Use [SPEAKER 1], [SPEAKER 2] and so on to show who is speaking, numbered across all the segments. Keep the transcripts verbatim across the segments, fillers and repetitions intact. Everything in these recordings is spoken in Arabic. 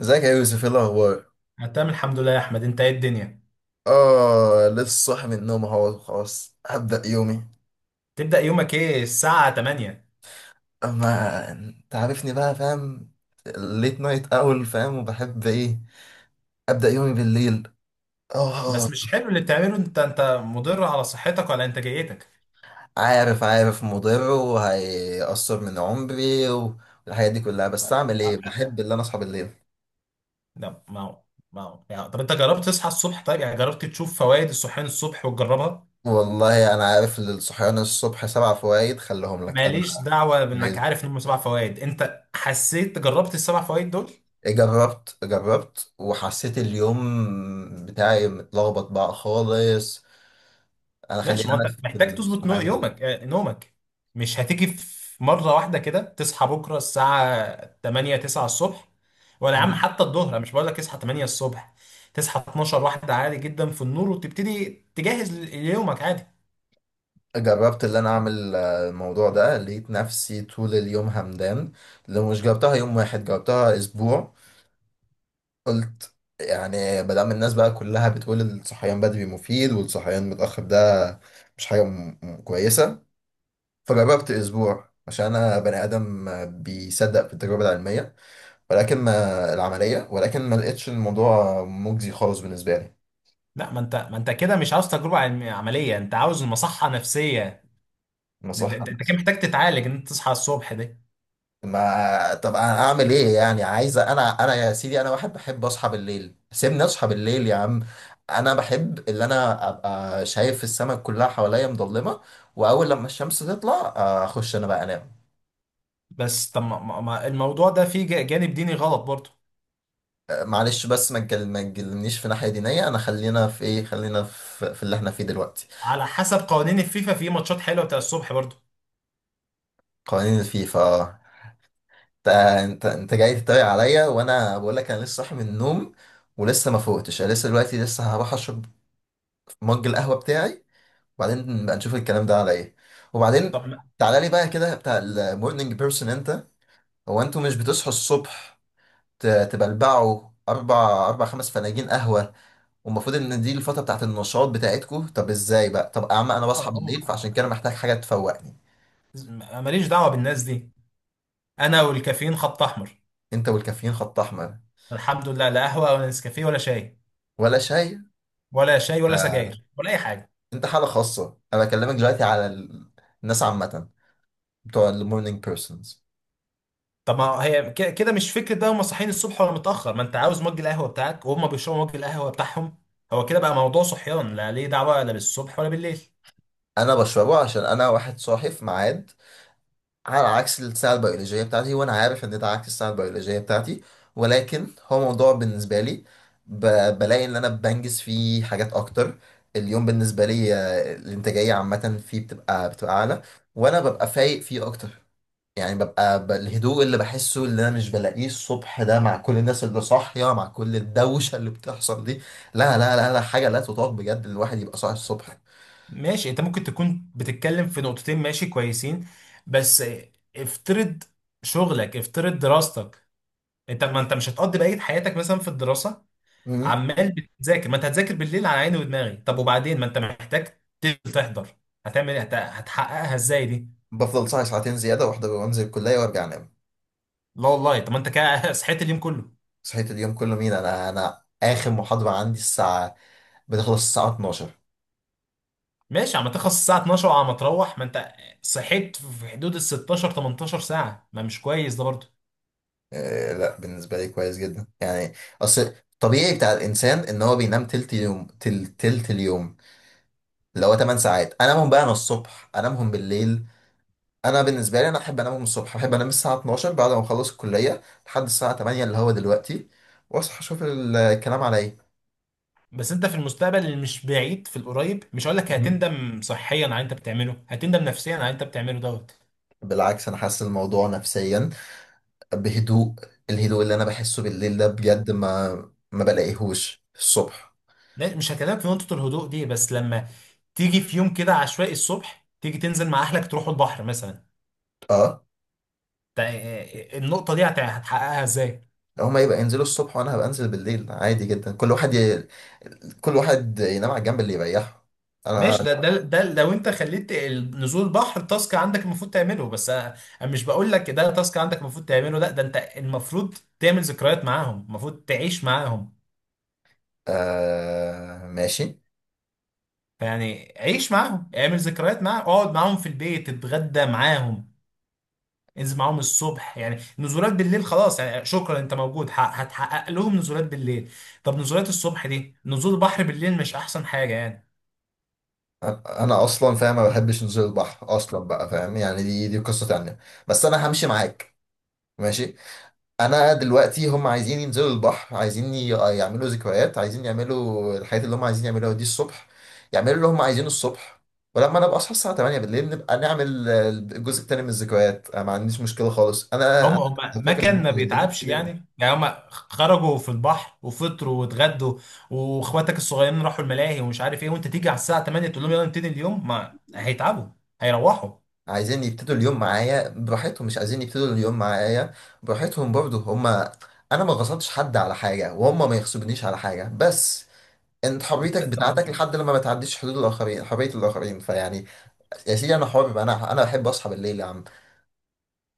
[SPEAKER 1] ازيك يا يوسف؟ ايه الاخبار؟
[SPEAKER 2] انا تمام، الحمد لله يا احمد. انت ايه الدنيا؟
[SPEAKER 1] اه، لسه صاحي من النوم اهو. خلاص هبدأ يومي.
[SPEAKER 2] تبدأ يومك ايه الساعة تمانية؟
[SPEAKER 1] اما انت عارفني بقى، فاهم؟ ليت نايت اول، فاهم؟ وبحب ايه؟ ابدأ يومي بالليل. اه.
[SPEAKER 2] بس مش حلو اللي بتعمله. انت انت مضر على صحتك وعلى انتاجيتك.
[SPEAKER 1] عارف، عارف مضر وهيأثر من عمري والحاجات دي كلها، بس
[SPEAKER 2] أه،
[SPEAKER 1] اعمل ايه؟ بحب اللي انا اصحى بالليل.
[SPEAKER 2] لا ما هو ما هو يعني. طب انت جربت تصحى الصبح؟ طيب يعني جربت تشوف فوائد الصحيان الصبح وتجربها؟
[SPEAKER 1] والله انا عارف ان الصحيان الصبح سبع فوائد، خليهم لك. انا
[SPEAKER 2] ماليش دعوة بانك
[SPEAKER 1] عايز.
[SPEAKER 2] عارف ان هم سبع فوائد. انت حسيت جربت السبع فوائد دول؟
[SPEAKER 1] جربت، جربت وحسيت اليوم بتاعي متلخبط بقى خالص. انا، خلينا
[SPEAKER 2] ماشي، ما انت
[SPEAKER 1] انا في
[SPEAKER 2] محتاج تظبط نو-
[SPEAKER 1] الصحيان بالليل.
[SPEAKER 2] يومك. آه، نومك مش هتيجي في مرة واحدة كده. تصحى بكرة الساعة تمانية تسعة الصبح، ولا يا عم
[SPEAKER 1] مم.
[SPEAKER 2] حتى الظهر. انا مش بقول لك اصحى تمانية الصبح. تصحى اتناشر واحدة عادي جدا في النور، وتبتدي تجهز ل- ليومك عادي.
[SPEAKER 1] جربت اللي انا اعمل آه، الموضوع ده، لقيت نفسي طول اليوم همدان. لو مش جربتها يوم واحد جربتها اسبوع. قلت يعني، ما دام الناس بقى كلها بتقول الصحيان بدري مفيد والصحيان متأخر ده مش حاجة م- م- كويسة. فجربت اسبوع عشان انا بني ادم آه، بيصدق في التجربة العلمية. ولكن ما العملية ولكن ما لقيتش الموضوع مجزي خالص بالنسبة لي.
[SPEAKER 2] لا، ما انت ما انت كده مش عاوز تجربة علم- عملية، انت عاوز مصحة نفسية. انت
[SPEAKER 1] نصيحة.
[SPEAKER 2] انت انت كده محتاج تتعالج ان انت تصحى الصبح ده.
[SPEAKER 1] ما طب انا اعمل ايه يعني؟ عايز انا انا يا سيدي، انا واحد بحب اصحى بالليل. سيبني اصحى بالليل يا عم. انا بحب اللي انا ابقى شايف السماء كلها حواليا مظلمه. واول لما الشمس تطلع آه، اخش انا بقى انام.
[SPEAKER 2] بس طب، ما- ما- ما- الموضوع ده فيه جا- جانب ديني غلط برضه.
[SPEAKER 1] آه، معلش، بس ما تجل- ما تجلنيش في ناحيه دينيه. انا خلينا في ايه؟ خلينا في, في اللي احنا فيه دلوقتي.
[SPEAKER 2] على حسب قوانين الفيفا في ماتشات حلوة بتاع الصبح برضه.
[SPEAKER 1] قوانين الفيفا؟ آه. انت انت انت جاي تتريق عليا، وانا بقول لك انا لسه صاحي من النوم ولسه ما فوقتش. أنا لسه دلوقتي لسه هروح اشرب مج القهوه بتاعي، وبعدين نبقى نشوف الكلام ده على ايه. وبعدين،
[SPEAKER 2] طب.
[SPEAKER 1] تعالى لي بقى كده، بتاع المورنينج بيرسون انت. هو انتوا مش بتصحوا الصبح ت- تبلبعوا اربع اربع خمس فناجين قهوه؟ والمفروض ان دي الفتره بتاعت النشاط بتاعتكم. طب ازاي بقى؟ طب يا عم، انا بصحى
[SPEAKER 2] هم.
[SPEAKER 1] بالليل فعشان كده محتاج حاجه تفوقني.
[SPEAKER 2] ماليش دعوه بالناس دي. انا والكافيين خط احمر.
[SPEAKER 1] انت والكافيين خط احمر؟
[SPEAKER 2] الحمد لله، لا قهوه ولا نسكافيه ولا شاي.
[SPEAKER 1] ولا شاي؟
[SPEAKER 2] ولا شاي ولا
[SPEAKER 1] لا، لا.
[SPEAKER 2] سجاير ولا اي حاجه.
[SPEAKER 1] انت حاله خاصه، انا بكلمك دلوقتي على ال- الناس عامه، بتوع المورنينج بيرسونز.
[SPEAKER 2] طب ما هي ك- كده مش فكره بقى؟ هم صاحيين الصبح ولا متاخر، ما انت عاوز مج القهوه بتاعك وهم بيشربوا مج القهوه بتاعهم. هو كده بقى موضوع صحيان، لا ليه دعوه لا بالصبح ولا بالليل.
[SPEAKER 1] انا بشربه عشان انا واحد صاحي في ميعاد، على عكس الساعة البيولوجية بتاعتي، وأنا عارف إن ده عكس الساعة البيولوجية بتاعتي. ولكن هو موضوع بالنسبة لي، ب... بلاقي إن أنا بنجز فيه حاجات أكتر. اليوم بالنسبة لي آه، الإنتاجية عامة فيه بتبقى بتبقى أعلى، وأنا ببقى فايق فيه أكتر. يعني ببقى ب... الهدوء اللي بحسه، اللي أنا مش بلاقيه الصبح ده، مع كل الناس اللي صاحية، مع كل الدوشة اللي بتحصل دي، لا، لا، لا، لا حاجة لا تطاق بجد. الواحد يبقى صاحي الصبح.
[SPEAKER 2] ماشي، انت ممكن تكون بتتكلم في نقطتين ماشي كويسين، بس افترض شغلك، افترض دراستك. انت، ما انت مش هتقضي بقيه حياتك مثلا في الدراسه
[SPEAKER 1] مم.
[SPEAKER 2] عمال بتذاكر. ما انت هتذاكر بالليل، على عيني ودماغي. طب وبعدين، ما انت محتاج تنزل تحضر. هتعمل ايه؟ هت- هتحققها ازاي دي؟
[SPEAKER 1] بفضل صاحي ساعتين زيادة، واحدة، وأنزل الكلية وأرجع أنام.
[SPEAKER 2] لا والله. طب ما انت كده صحيت اليوم كله.
[SPEAKER 1] صحيت اليوم كله مين؟ انا انا اخر محاضرة عندي الساعة بتخلص، الساعة اتناشر.
[SPEAKER 2] ماشي، عم تخلص الساعه اتناشر وعم تروح. ما انت صحيت في حدود ال ستاشر تمنتاشر ساعه، ما مش كويس ده برضه.
[SPEAKER 1] آه لا، بالنسبة لي كويس جدا يعني. اصل الطبيعي بتاع الانسان ان هو بينام تلت يوم، تل تلت اليوم، اللي هو 8 ساعات. انامهم بقى انا الصبح؟ انامهم بالليل. انا بالنسبة لي انا احب انامهم الصبح. احب انام الساعة اتناشر بعد ما اخلص الكلية لحد الساعة تمانية اللي هو دلوقتي، واصحى اشوف الكلام على ايه.
[SPEAKER 2] بس انت في المستقبل اللي مش بعيد، في القريب، مش هقول لك
[SPEAKER 1] مهم.
[SPEAKER 2] هتندم صحيا على اللي انت بتعمله، هتندم نفسيا على اللي انت بتعمله دوت.
[SPEAKER 1] بالعكس، انا حاسس الموضوع نفسيا بهدوء. الهدوء اللي انا بحسه بالليل ده بجد ما ما بلاقيهوش الصبح.
[SPEAKER 2] لا، مش هكلمك في نقطه الهدوء دي، بس لما تيجي في يوم كده عشوائي الصبح تيجي تنزل مع اهلك تروحوا البحر مثلا،
[SPEAKER 1] اه،
[SPEAKER 2] تا- النقطة دي هت- هتحققها ازاي؟
[SPEAKER 1] هما يبقى ينزلوا الصبح وانا هبقى انزل بالليل عادي جدا. كل واحد ي... كل واحد ينام على الجنب اللي يريحه.
[SPEAKER 2] ماشي،
[SPEAKER 1] انا،
[SPEAKER 2] ده ده ده لو انت خليت ال- نزول البحر تاسك عندك المفروض تعمله بس انا. أنا مش بقول لك ده تاسك عندك المفروض تعمله، لا ده انت المفروض تعمل ذكريات معاهم، المفروض تعيش معاهم.
[SPEAKER 1] آه ماشي.
[SPEAKER 2] فيعني عيش معاهم، اعمل ذكريات معاهم، اقعد معاهم في البيت، اتغدى معاهم، انزل معاهم الصبح. يعني نزولات بالليل خلاص، يعني شكرا انت موجود، ح- هتحقق لهم نزولات بالليل. طب نزولات الصبح دي، نزول البحر بالليل مش احسن حاجة يعني؟
[SPEAKER 1] انا أنا اصلا فاهم ما بحبش نزول البحر اصلا بقى، فاهم يعني؟ دي دي قصة تانية. بس انا همشي معاك. ماشي، انا دلوقتي هم عايزين ينزلوا البحر، عايزين ي- يعملوا ذكريات، عايزين يعملوا الحاجات اللي هم عايزين يعملوها دي الصبح، يعملوا اللي هم عايزينه الصبح. ولما انا ابقى اصحى الساعه الثامنة بالليل، نبقى نعمل آه، الجزء التاني من الذكريات. انا ما عنديش مشكله خالص، انا
[SPEAKER 2] هم
[SPEAKER 1] انا
[SPEAKER 2] هم. ما
[SPEAKER 1] فاكر
[SPEAKER 2] كان
[SPEAKER 1] الموضوع
[SPEAKER 2] ما
[SPEAKER 1] ده ليه؟ مش
[SPEAKER 2] بيتعبش
[SPEAKER 1] كده؟
[SPEAKER 2] يعني يعني هم خرجوا في البحر وفطروا واتغدوا، واخواتك الصغيرين راحوا الملاهي ومش عارف ايه، وانت تيجي على الساعه تمانية تقول لهم يلا نبتدي اليوم؟ ما هيتعبوا، هيروحوا.
[SPEAKER 1] عايزين يبتدوا اليوم معايا براحتهم، مش عايزين يبتدوا اليوم معايا براحتهم برضه، هم. انا ما غصبتش حد على حاجه وهم ما يغصبونيش على حاجه. بس انت حريتك
[SPEAKER 2] طب ما
[SPEAKER 1] بتاعتك
[SPEAKER 2] انت،
[SPEAKER 1] لحد لما ما تعديش حدود الاخرين، حريه الاخرين، فيعني، يا سيدي انا حر بقى، انا انا بحب اصحى بالليل يا عم.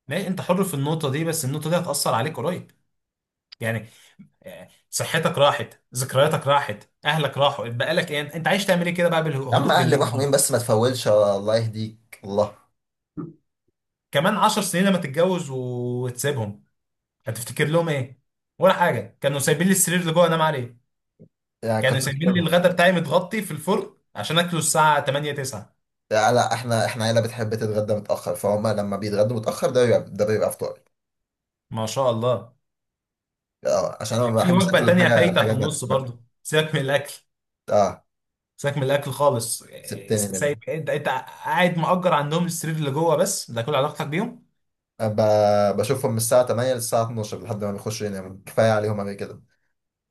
[SPEAKER 2] ما- انت حر في النقطه دي، بس النقطه دي هتاثر عليك قريب. يعني آه، صحتك راحت، ذكرياتك راحت، اهلك راحوا، بقى لك ايه؟ انت عايز تعمل ايه كده بقى
[SPEAKER 1] يا عم
[SPEAKER 2] بالهدوء
[SPEAKER 1] اهلي
[SPEAKER 2] بالليل دي؟
[SPEAKER 1] محرومين بس ما تفولش، الله يهديك. الله
[SPEAKER 2] كمان عشر سنين لما تتجوز وتسيبهم هتفتكر لهم ايه؟ ولا حاجه. كانوا سايبين لي السرير اللي جوه انام عليه،
[SPEAKER 1] يعني كنت
[SPEAKER 2] كانوا سايبين لي
[SPEAKER 1] بكلمهم.
[SPEAKER 2] الغدا بتاعي متغطي في الفرن عشان اكله الساعه تمانية تسعة.
[SPEAKER 1] لا، لا، احنا احنا عيله بتحب تتغدى متاخر، فهم لما بيتغدوا متاخر ده بيبقى ده بيبقى فطاري.
[SPEAKER 2] ما شاء الله.
[SPEAKER 1] اه، عشان انا ما
[SPEAKER 2] في
[SPEAKER 1] بحبش
[SPEAKER 2] وجبه
[SPEAKER 1] اكل
[SPEAKER 2] تانية
[SPEAKER 1] الحاجه
[SPEAKER 2] فايته في
[SPEAKER 1] الحاجه بدري
[SPEAKER 2] النص
[SPEAKER 1] بدري.
[SPEAKER 2] برضه. سيبك من الاكل،
[SPEAKER 1] اه،
[SPEAKER 2] سيبك من الاكل خالص. إيه،
[SPEAKER 1] سبتني
[SPEAKER 2] سايب.
[SPEAKER 1] منه.
[SPEAKER 2] انت انت قاعد مأجر عندهم السرير اللي جوه، بس ده كل علاقتك بيهم.
[SPEAKER 1] ب- بشوفهم من الساعه الثامنة للساعه اتناشر لحد ما بيخشوا يناموا، كفايه عليهم قبل كده.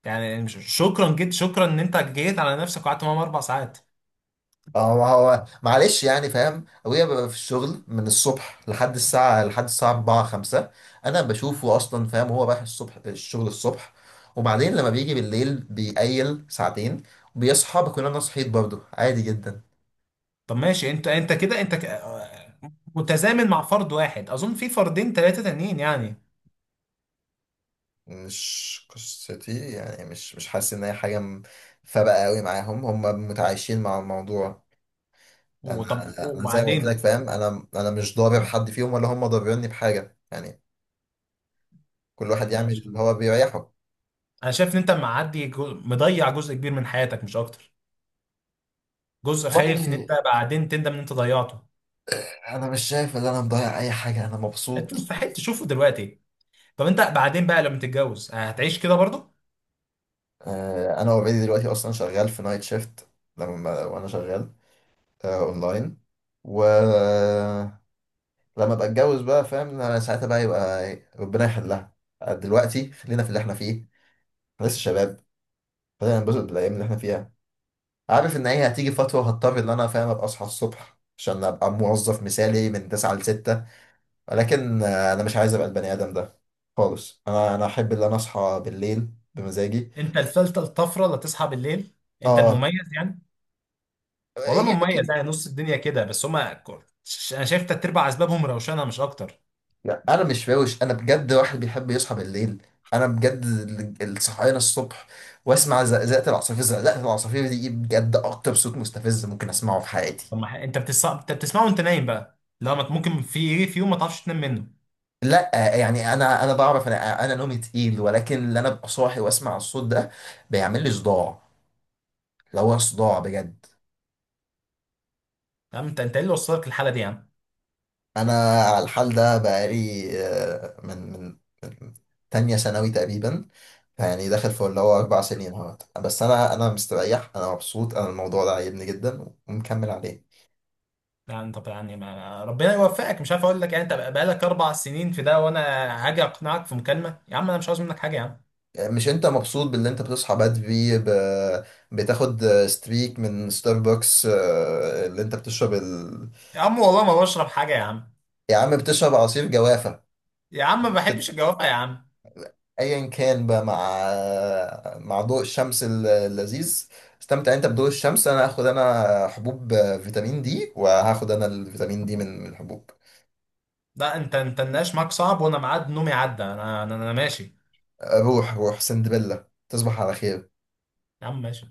[SPEAKER 2] يعني مش- شكرا، جد شكرا ان انت جيت على نفسك وقعدت معاهم اربع ساعات.
[SPEAKER 1] اه، ما هو معلش يعني فاهم. ابويا بيبقى في الشغل من الصبح لحد الساعة لحد الساعة الرابعة خمسة. انا بشوفه اصلا فاهم، هو رايح الصبح الشغل الصبح، وبعدين لما بيجي بالليل بيقيل ساعتين، وبيصحى بكون انا صحيت برضه عادي جدا.
[SPEAKER 2] طب ماشي. انت انت كده، انت ك- آه، متزامن مع فرد واحد اظن، في فردين ثلاثه تانيين يعني.
[SPEAKER 1] مش قصتي يعني، مش مش حاسس ان هي حاجة م- فارقة قوي معاهم. هم متعايشين مع الموضوع. انا
[SPEAKER 2] وطب
[SPEAKER 1] انا زي ما قلت لك
[SPEAKER 2] وبعدين،
[SPEAKER 1] فاهم، انا انا مش ضارب حد فيهم ولا هم ضاربيني بحاجة يعني. كل واحد يعمل اللي هو بيريحه.
[SPEAKER 2] انا شايف ان انت معدي، جو- مضيع جزء كبير من حياتك مش اكتر. جزء خايف ان
[SPEAKER 1] والله
[SPEAKER 2] انت بعدين تندم ان انت ضيعته.
[SPEAKER 1] انا مش شايف ان انا مضيع اي حاجه، انا
[SPEAKER 2] انت
[SPEAKER 1] مبسوط.
[SPEAKER 2] مستحيل تشوفه دلوقتي. طب انت بعدين بقى لما تتجوز آه، هتعيش كده برضه؟
[SPEAKER 1] آه، انا اوريدي دلوقتي اصلا شغال في نايت شيفت، لما وانا شغال آه، اونلاين. ولما ابقى اتجوز بقى فاهم إن انا ساعتها بقى يبقى ربنا يحلها. آه، دلوقتي خلينا في اللي احنا فيه. احنا لسه شباب، خلينا ننبسط بالايام اللي احنا فيها. عارف ان هي هتيجي فتره وهضطر ان انا فاهم ابقى اصحى الصبح عشان ابقى موظف مثالي من تسعة ل ستة. ولكن آه، انا مش عايز ابقى البني ادم ده خالص. انا انا احب ان انا اصحى بالليل بمزاجي.
[SPEAKER 2] انت الفلتة الطفرة اللي تصحى بالليل، انت
[SPEAKER 1] اه،
[SPEAKER 2] المميز يعني. والله مميز
[SPEAKER 1] يمكن.
[SPEAKER 2] يعني، نص الدنيا كده، بس هما ك- ش- انا شايف تلات ارباع اسبابهم روشنة مش اكتر.
[SPEAKER 1] لا، انا مش فاوش، انا بجد واحد بيحب يصحى بالليل. انا بجد ال- الصحيان الصبح، واسمع زقزقه العصافير. زقزقه العصافير دي بجد اكتر صوت مستفز ممكن اسمعه في حياتي.
[SPEAKER 2] طب ما ح- انت بتص... انت بتسمعه وانت نايم بقى، لا ما ت- ممكن في ايه، في يوم ما تعرفش تنام منه.
[SPEAKER 1] لا يعني، انا انا بعرف انا انا نومي تقيل، ولكن اللي انا ابقى صاحي واسمع الصوت ده بيعمل لي صداع، لو هو صداع بجد.
[SPEAKER 2] تمام، انت انت ايه اللي وصلك للحالة دي يا عم؟
[SPEAKER 1] انا على الحال ده بقالي آه، من من من تانية ثانوي تقريبا. يعني داخل في اللي هو اربع سنين اهوت، بس انا انا مستريح انا مبسوط. انا الموضوع ده عاجبني جدا ومكمل عليه.
[SPEAKER 2] لا انت يعني، ما ربنا يوفقك، مش عارف اقول لك يعني. انت بقالك اربع سنين في ده وانا هاجي اقنعك في مكالمه؟ يا عم انا مش عاوز منك حاجه يا عم.
[SPEAKER 1] مش انت مبسوط باللي انت بتصحى بدري، ب... بتاخد ستريك من ستاربكس آه، اللي انت بتشرب ال...
[SPEAKER 2] يا عم والله ما بشرب حاجه يا عم.
[SPEAKER 1] يا عم بتشرب عصير جوافة؟
[SPEAKER 2] يا عم ما بحبش الجوافه يا عم.
[SPEAKER 1] ايا كان بقى، مع مع ضوء الشمس ال- اللذيذ. استمتع انت بضوء الشمس، انا هاخد انا حبوب فيتامين دي، وهاخد انا الفيتامين دي من من الحبوب.
[SPEAKER 2] لا، انت انت النقاش معاك صعب، وانا ميعاد نومي عدى. انا انا, أنا ماشي.
[SPEAKER 1] روح روح سندبيلا، تصبح على خير.
[SPEAKER 2] يا عم ماشي.